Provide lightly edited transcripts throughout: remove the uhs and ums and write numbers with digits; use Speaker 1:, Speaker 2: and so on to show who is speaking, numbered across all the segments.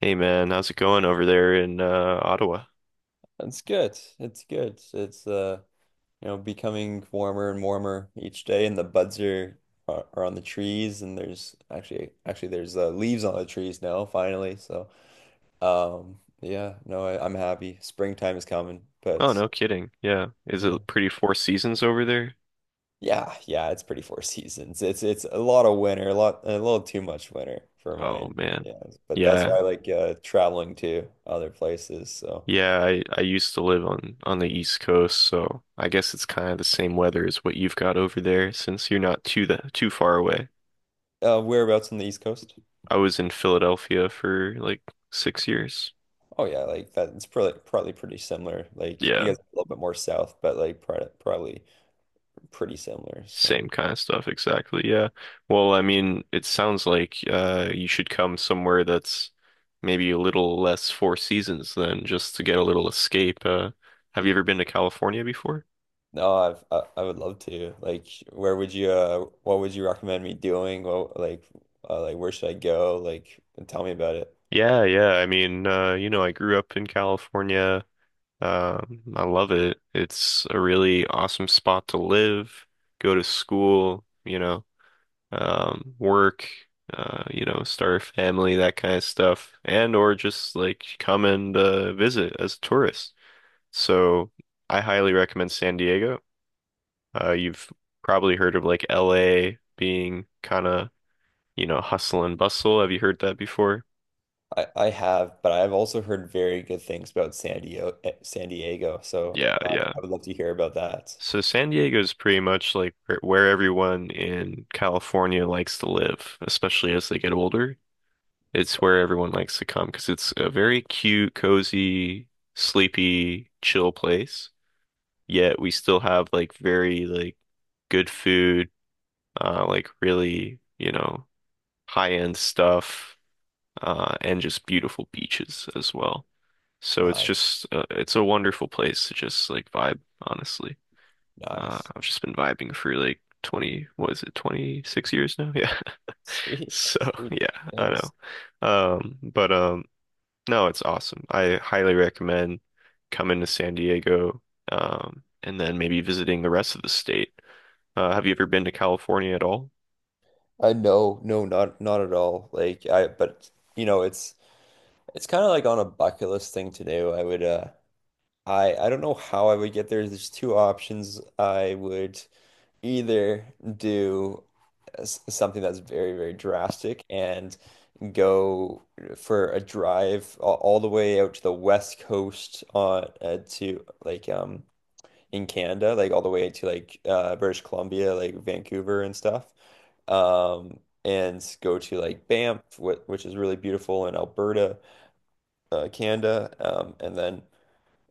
Speaker 1: Hey man, how's it going over there in Ottawa?
Speaker 2: That's good. It's good. Becoming warmer and warmer each day, and the buds are on the trees, and there's actually there's leaves on the trees now, finally. Yeah, no, I'm happy. Springtime is coming,
Speaker 1: Oh,
Speaker 2: but
Speaker 1: no kidding. Yeah. Is
Speaker 2: yeah,
Speaker 1: it pretty Four Seasons over there?
Speaker 2: yeah, it's pretty four seasons. It's a lot of winter, a little too much winter for
Speaker 1: Oh
Speaker 2: mine.
Speaker 1: man.
Speaker 2: Yeah, but that's
Speaker 1: Yeah.
Speaker 2: why I like traveling to other places. So,
Speaker 1: Yeah, I used to live on the East Coast, so I guess it's kind of the same weather as what you've got over there since you're not too far away.
Speaker 2: whereabouts on the East Coast?
Speaker 1: I was in Philadelphia for like 6 years.
Speaker 2: Oh yeah, like that. It's probably pretty similar. Like you
Speaker 1: Yeah.
Speaker 2: guys are a little bit more south, but like probably pretty similar. So
Speaker 1: Same kind of stuff, exactly. Yeah. Well, I mean, it sounds like you should come somewhere that's maybe a little less Four Seasons than just to get a little escape. Have you ever been to California before?
Speaker 2: no, I would love to. Like, where would you? What would you recommend me doing? What like Like where should I go? Like, tell me about it.
Speaker 1: Yeah, yeah. I mean, you know, I grew up in California. I love it. It's a really awesome spot to live, go to school, you know, work, you know, start a family, that kind of stuff, and or just like come and visit as a tourist. So I highly recommend San Diego. You've probably heard of like LA being kind of, you know, hustle and bustle. Have you heard that before?
Speaker 2: I have, but I've also heard very good things about San Diego. San Diego.
Speaker 1: Yeah, yeah.
Speaker 2: I would love to hear about that.
Speaker 1: So San Diego is pretty much like where everyone in California likes to live, especially as they get older. It's where everyone likes to come because it's a very cute, cozy, sleepy, chill place. Yet we still have like very like good food, like really, you know, high-end stuff, and just beautiful beaches as well. So it's
Speaker 2: Nice,
Speaker 1: just it's a wonderful place to just like vibe, honestly.
Speaker 2: nice,
Speaker 1: I've just been vibing for like 20, what is it, 26 years now? Yeah.
Speaker 2: sweet,
Speaker 1: So
Speaker 2: sweet.
Speaker 1: yeah, I know.
Speaker 2: Yes.
Speaker 1: But No, it's awesome. I highly recommend coming to San Diego, and then maybe visiting the rest of the state. Have you ever been to California at all?
Speaker 2: I know, no, not not at all. But you know, it's. It's kind of like on a bucket list thing to do. I don't know how I would get there. There's two options. I would either do something that's very, very drastic and go for a drive all the way out to the west coast on to like in Canada, like all the way to like British Columbia, like Vancouver and stuff. Um and go to like Banff, wh which is really beautiful in Alberta Canada, and then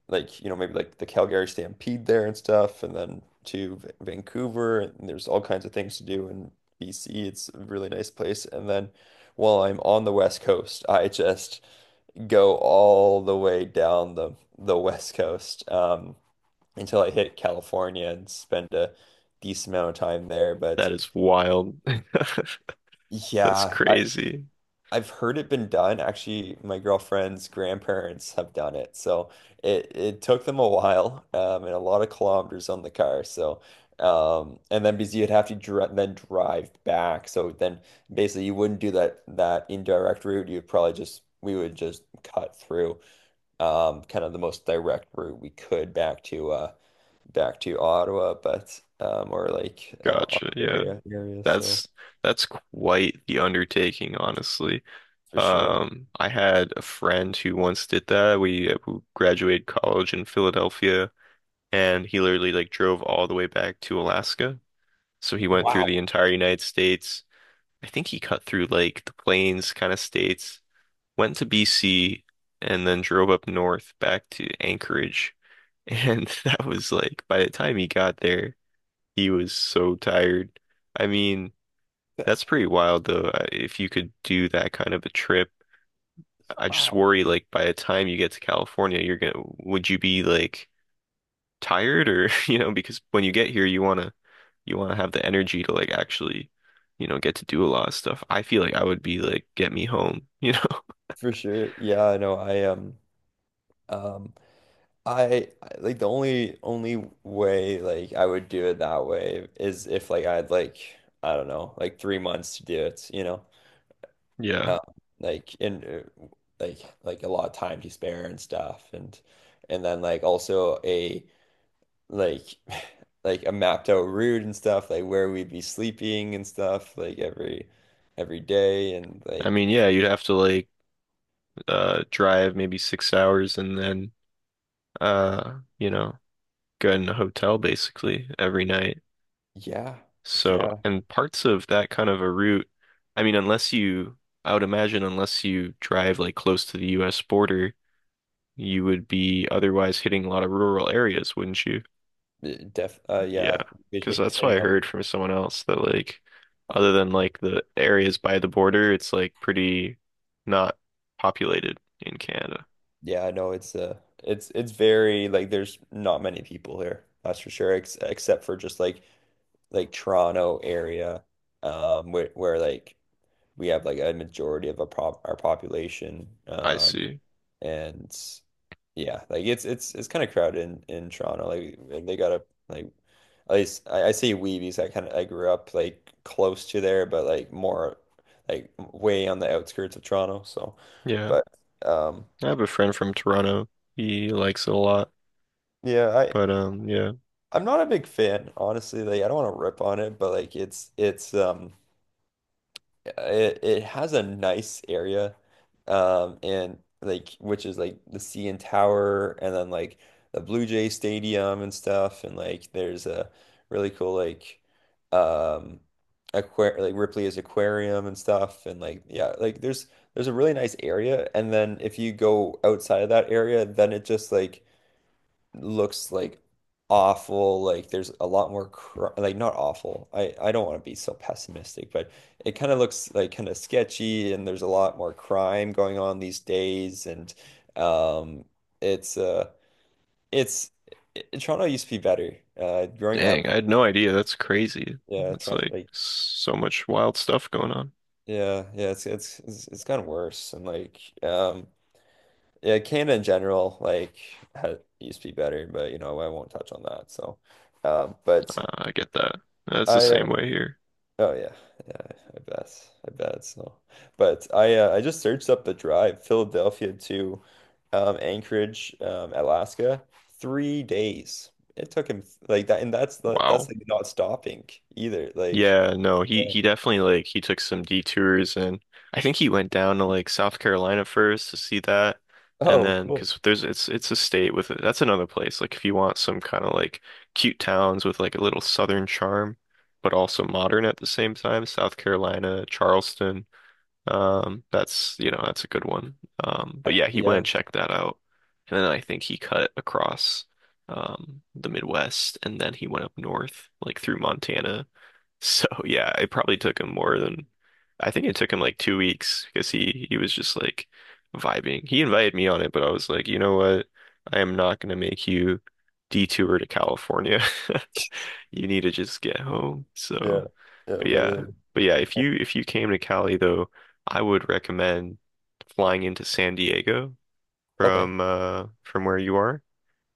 Speaker 2: maybe like the Calgary Stampede there and stuff, and then to Vancouver, and there's all kinds of things to do in BC. It's a really nice place. And then while I'm on the West Coast, I just go all the way down the West Coast until I hit California and spend a decent amount of time there. But
Speaker 1: That is wild. That's
Speaker 2: yeah,
Speaker 1: crazy.
Speaker 2: I've heard it been done. Actually, my girlfriend's grandparents have done it. So it took them a while, and a lot of kilometers on the car. So and then because you'd have to dri then drive back. So then basically you wouldn't do that indirect route. You'd probably just We would just cut through kind of the most direct route we could back to back to Ottawa, but or like
Speaker 1: Gotcha. Yeah.
Speaker 2: Ontario area. So
Speaker 1: That's that's quite the undertaking, honestly.
Speaker 2: for sure.
Speaker 1: I had a friend who once did that. We who graduated college in Philadelphia, and he literally like drove all the way back to Alaska. So he went through the
Speaker 2: Wow.
Speaker 1: entire United States. I think he cut through like the plains kind of states, went to BC, and then drove up north back to Anchorage. And that was like, by the time he got there, he was so tired. I mean,
Speaker 2: That-
Speaker 1: that's pretty wild though. I- If you could do that kind of a trip, I just
Speaker 2: Wow.
Speaker 1: worry like by the time you get to California, you're gonna, would you be like tired or you know, because when you get here you want to have the energy to like actually, you know, get to do a lot of stuff. I feel like I would be like, get me home, you know.
Speaker 2: For sure. Yeah, I know. Um I like the only way like I would do it that way is if like I had like I don't know, like 3 months to do it, you know.
Speaker 1: Yeah,
Speaker 2: Um, like in like like a lot of time to spare and stuff and then like also a like like a mapped out route and stuff, like where we'd be sleeping and stuff like every day and
Speaker 1: I
Speaker 2: like
Speaker 1: mean, yeah, you'd have to like drive maybe 6 hours and then you know, go in a hotel basically every night.
Speaker 2: yeah.
Speaker 1: So
Speaker 2: Yeah,
Speaker 1: and parts of that kind of a route, I mean, unless you I would imagine unless you drive like close to the US border, you would be otherwise hitting a lot of rural areas, wouldn't you? Yeah,
Speaker 2: Yeah,
Speaker 1: because that's what I
Speaker 2: hitting up.
Speaker 1: heard from someone else, that like, other than like the areas by the border, it's like pretty not populated in Canada.
Speaker 2: Yeah, I know it's it's very like there's not many people here, that's for sure, ex except for just like Toronto area, where like we have like a majority of our pop our population,
Speaker 1: I see.
Speaker 2: and yeah, like it's it's kind of crowded in Toronto. Like, they gotta like at least I say we because I kind of I grew up like close to there, but like more like way on the outskirts of Toronto. So,
Speaker 1: Yeah,
Speaker 2: but um
Speaker 1: I have a friend from Toronto. He likes it a lot,
Speaker 2: yeah,
Speaker 1: but yeah.
Speaker 2: I'm not a big fan honestly. Like I don't want to rip on it, but like it's it, it has a nice area and like which is like the CN Tower and then like the Blue Jay Stadium and stuff and like there's a really cool like um aquar like Ripley's Aquarium and stuff and like yeah like there's a really nice area and then if you go outside of that area then it just like looks like awful. Like there's a lot more cr like not awful. I don't want to be so pessimistic, but it kind of looks like kind of sketchy and there's a lot more crime going on these days and um it's uh it's it, Toronto used to be better. Growing
Speaker 1: Dang, I
Speaker 2: up,
Speaker 1: had no idea. That's crazy.
Speaker 2: yeah,
Speaker 1: That's
Speaker 2: Toronto
Speaker 1: like
Speaker 2: like
Speaker 1: so much wild stuff going on.
Speaker 2: yeah, yeah, it's gotten worse and like yeah, Canada in general like used to be better, but you know, I won't touch on that. So but
Speaker 1: I get that. That's the
Speaker 2: I,
Speaker 1: same
Speaker 2: uh,
Speaker 1: way here.
Speaker 2: oh yeah, yeah, I bet. I bet it's no. But I just searched up the drive, Philadelphia to Anchorage, Alaska, 3 days. It took him like that, and that's
Speaker 1: Wow.
Speaker 2: like not stopping either. Like,
Speaker 1: Yeah, no, he
Speaker 2: yeah.
Speaker 1: he definitely like he took some detours and I think he went down to like South Carolina first to see that, and
Speaker 2: Oh,
Speaker 1: then
Speaker 2: cool.
Speaker 1: because there's it's a state with that's another place like if you want some kind of like cute towns with like a little southern charm, but also modern at the same time, South Carolina, Charleston, that's, you know, that's a good one. But yeah, he went
Speaker 2: Yeah,
Speaker 1: and checked that out. And then I think he cut across the Midwest and then he went up north, like through Montana. So yeah, it probably took him more than, I think it took him like 2 weeks, because he was just like vibing. He invited me on it, but I was like, you know what? I am not gonna make you detour to California. You need to just get home.
Speaker 2: yeah,
Speaker 1: So,
Speaker 2: yeah,
Speaker 1: but yeah,
Speaker 2: literally.
Speaker 1: but yeah, if you came to Cali though, I would recommend flying into San Diego
Speaker 2: Okay,
Speaker 1: from where you are,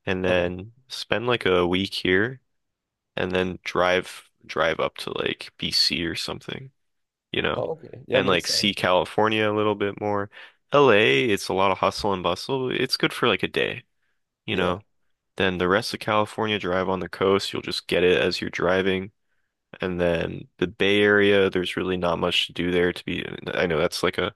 Speaker 1: and
Speaker 2: okay.
Speaker 1: then spend like a week here, and then drive up to like BC or something, you know,
Speaker 2: Oh, okay. Yeah,
Speaker 1: and
Speaker 2: makes
Speaker 1: like
Speaker 2: sense.
Speaker 1: see California a little bit more. LA, it's a lot of hustle and bustle. It's good for like a day, you
Speaker 2: Yeah.
Speaker 1: know. Then the rest of California, drive on the coast, you'll just get it as you're driving. And then the Bay Area, there's really not much to do there to be. I know that's like a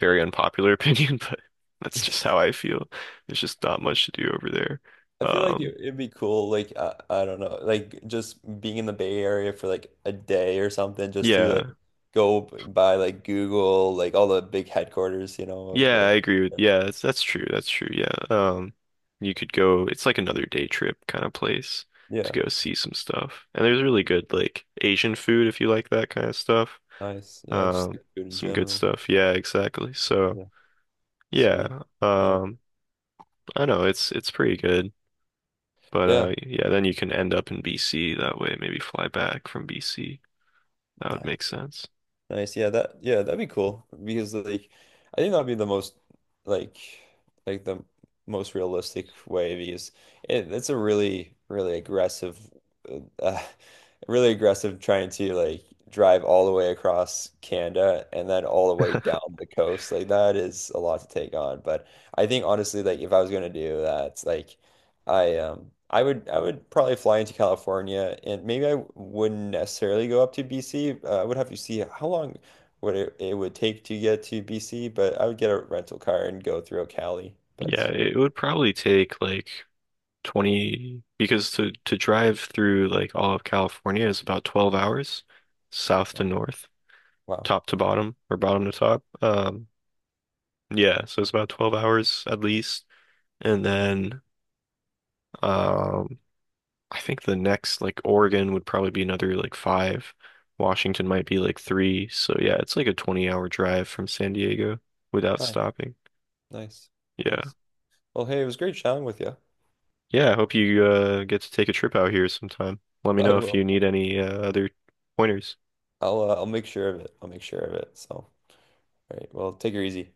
Speaker 1: very unpopular opinion, but that's just how I feel. There's just not much to do over there.
Speaker 2: I feel like
Speaker 1: Um,
Speaker 2: it'd be cool, like I don't know, like just being in the Bay Area for like a day or something, just to
Speaker 1: yeah,
Speaker 2: like go by like Google, like all the big headquarters, you know, of
Speaker 1: yeah, I
Speaker 2: like
Speaker 1: agree with.
Speaker 2: yeah,
Speaker 1: Yeah, that's true. That's true. Yeah. You could go. It's like another day trip kind of place to
Speaker 2: yeah,
Speaker 1: go see some stuff. And there's really good like Asian food if you like that kind of stuff.
Speaker 2: nice, yeah, I just
Speaker 1: Um,
Speaker 2: like food in
Speaker 1: some good
Speaker 2: general,
Speaker 1: stuff. Yeah, exactly. So
Speaker 2: yeah, sweet,
Speaker 1: yeah,
Speaker 2: yeah,
Speaker 1: I know it's pretty good. But
Speaker 2: yeah,
Speaker 1: yeah, then you can end up in BC that way, maybe fly back from BC. That would
Speaker 2: nice.
Speaker 1: make sense.
Speaker 2: Nice. Yeah, that yeah, that'd be cool because like I think that'd be the most like like the most realistic way because it's a really really aggressive uh, really aggressive trying to like drive all the way across Canada and then all the way down the coast. Like that is a lot to take on, but I think honestly like if I was going to do that, like I would probably fly into California and maybe I wouldn't necessarily go up to BC. I would have to see how long it would take to get to BC, but I would get a rental car and go through Cali.
Speaker 1: Yeah,
Speaker 2: That's
Speaker 1: it would probably take like 20, because to drive through like all of California is about 12 hours south to north,
Speaker 2: wow.
Speaker 1: top to bottom or bottom to top. Yeah, so it's about 12 hours at least. And then um I think the next, like Oregon would probably be another like five. Washington might be like three. So yeah, it's like a 20-hour hour drive from San Diego without
Speaker 2: Nice,
Speaker 1: stopping.
Speaker 2: nice,
Speaker 1: Yeah.
Speaker 2: nice. Well, hey, it was great chatting with you.
Speaker 1: Yeah, I hope you get to take a trip out here sometime. Let me
Speaker 2: I
Speaker 1: know if you
Speaker 2: will.
Speaker 1: need any other pointers.
Speaker 2: I'll make sure of it. I'll make sure of it. So, all right. Well, take her easy.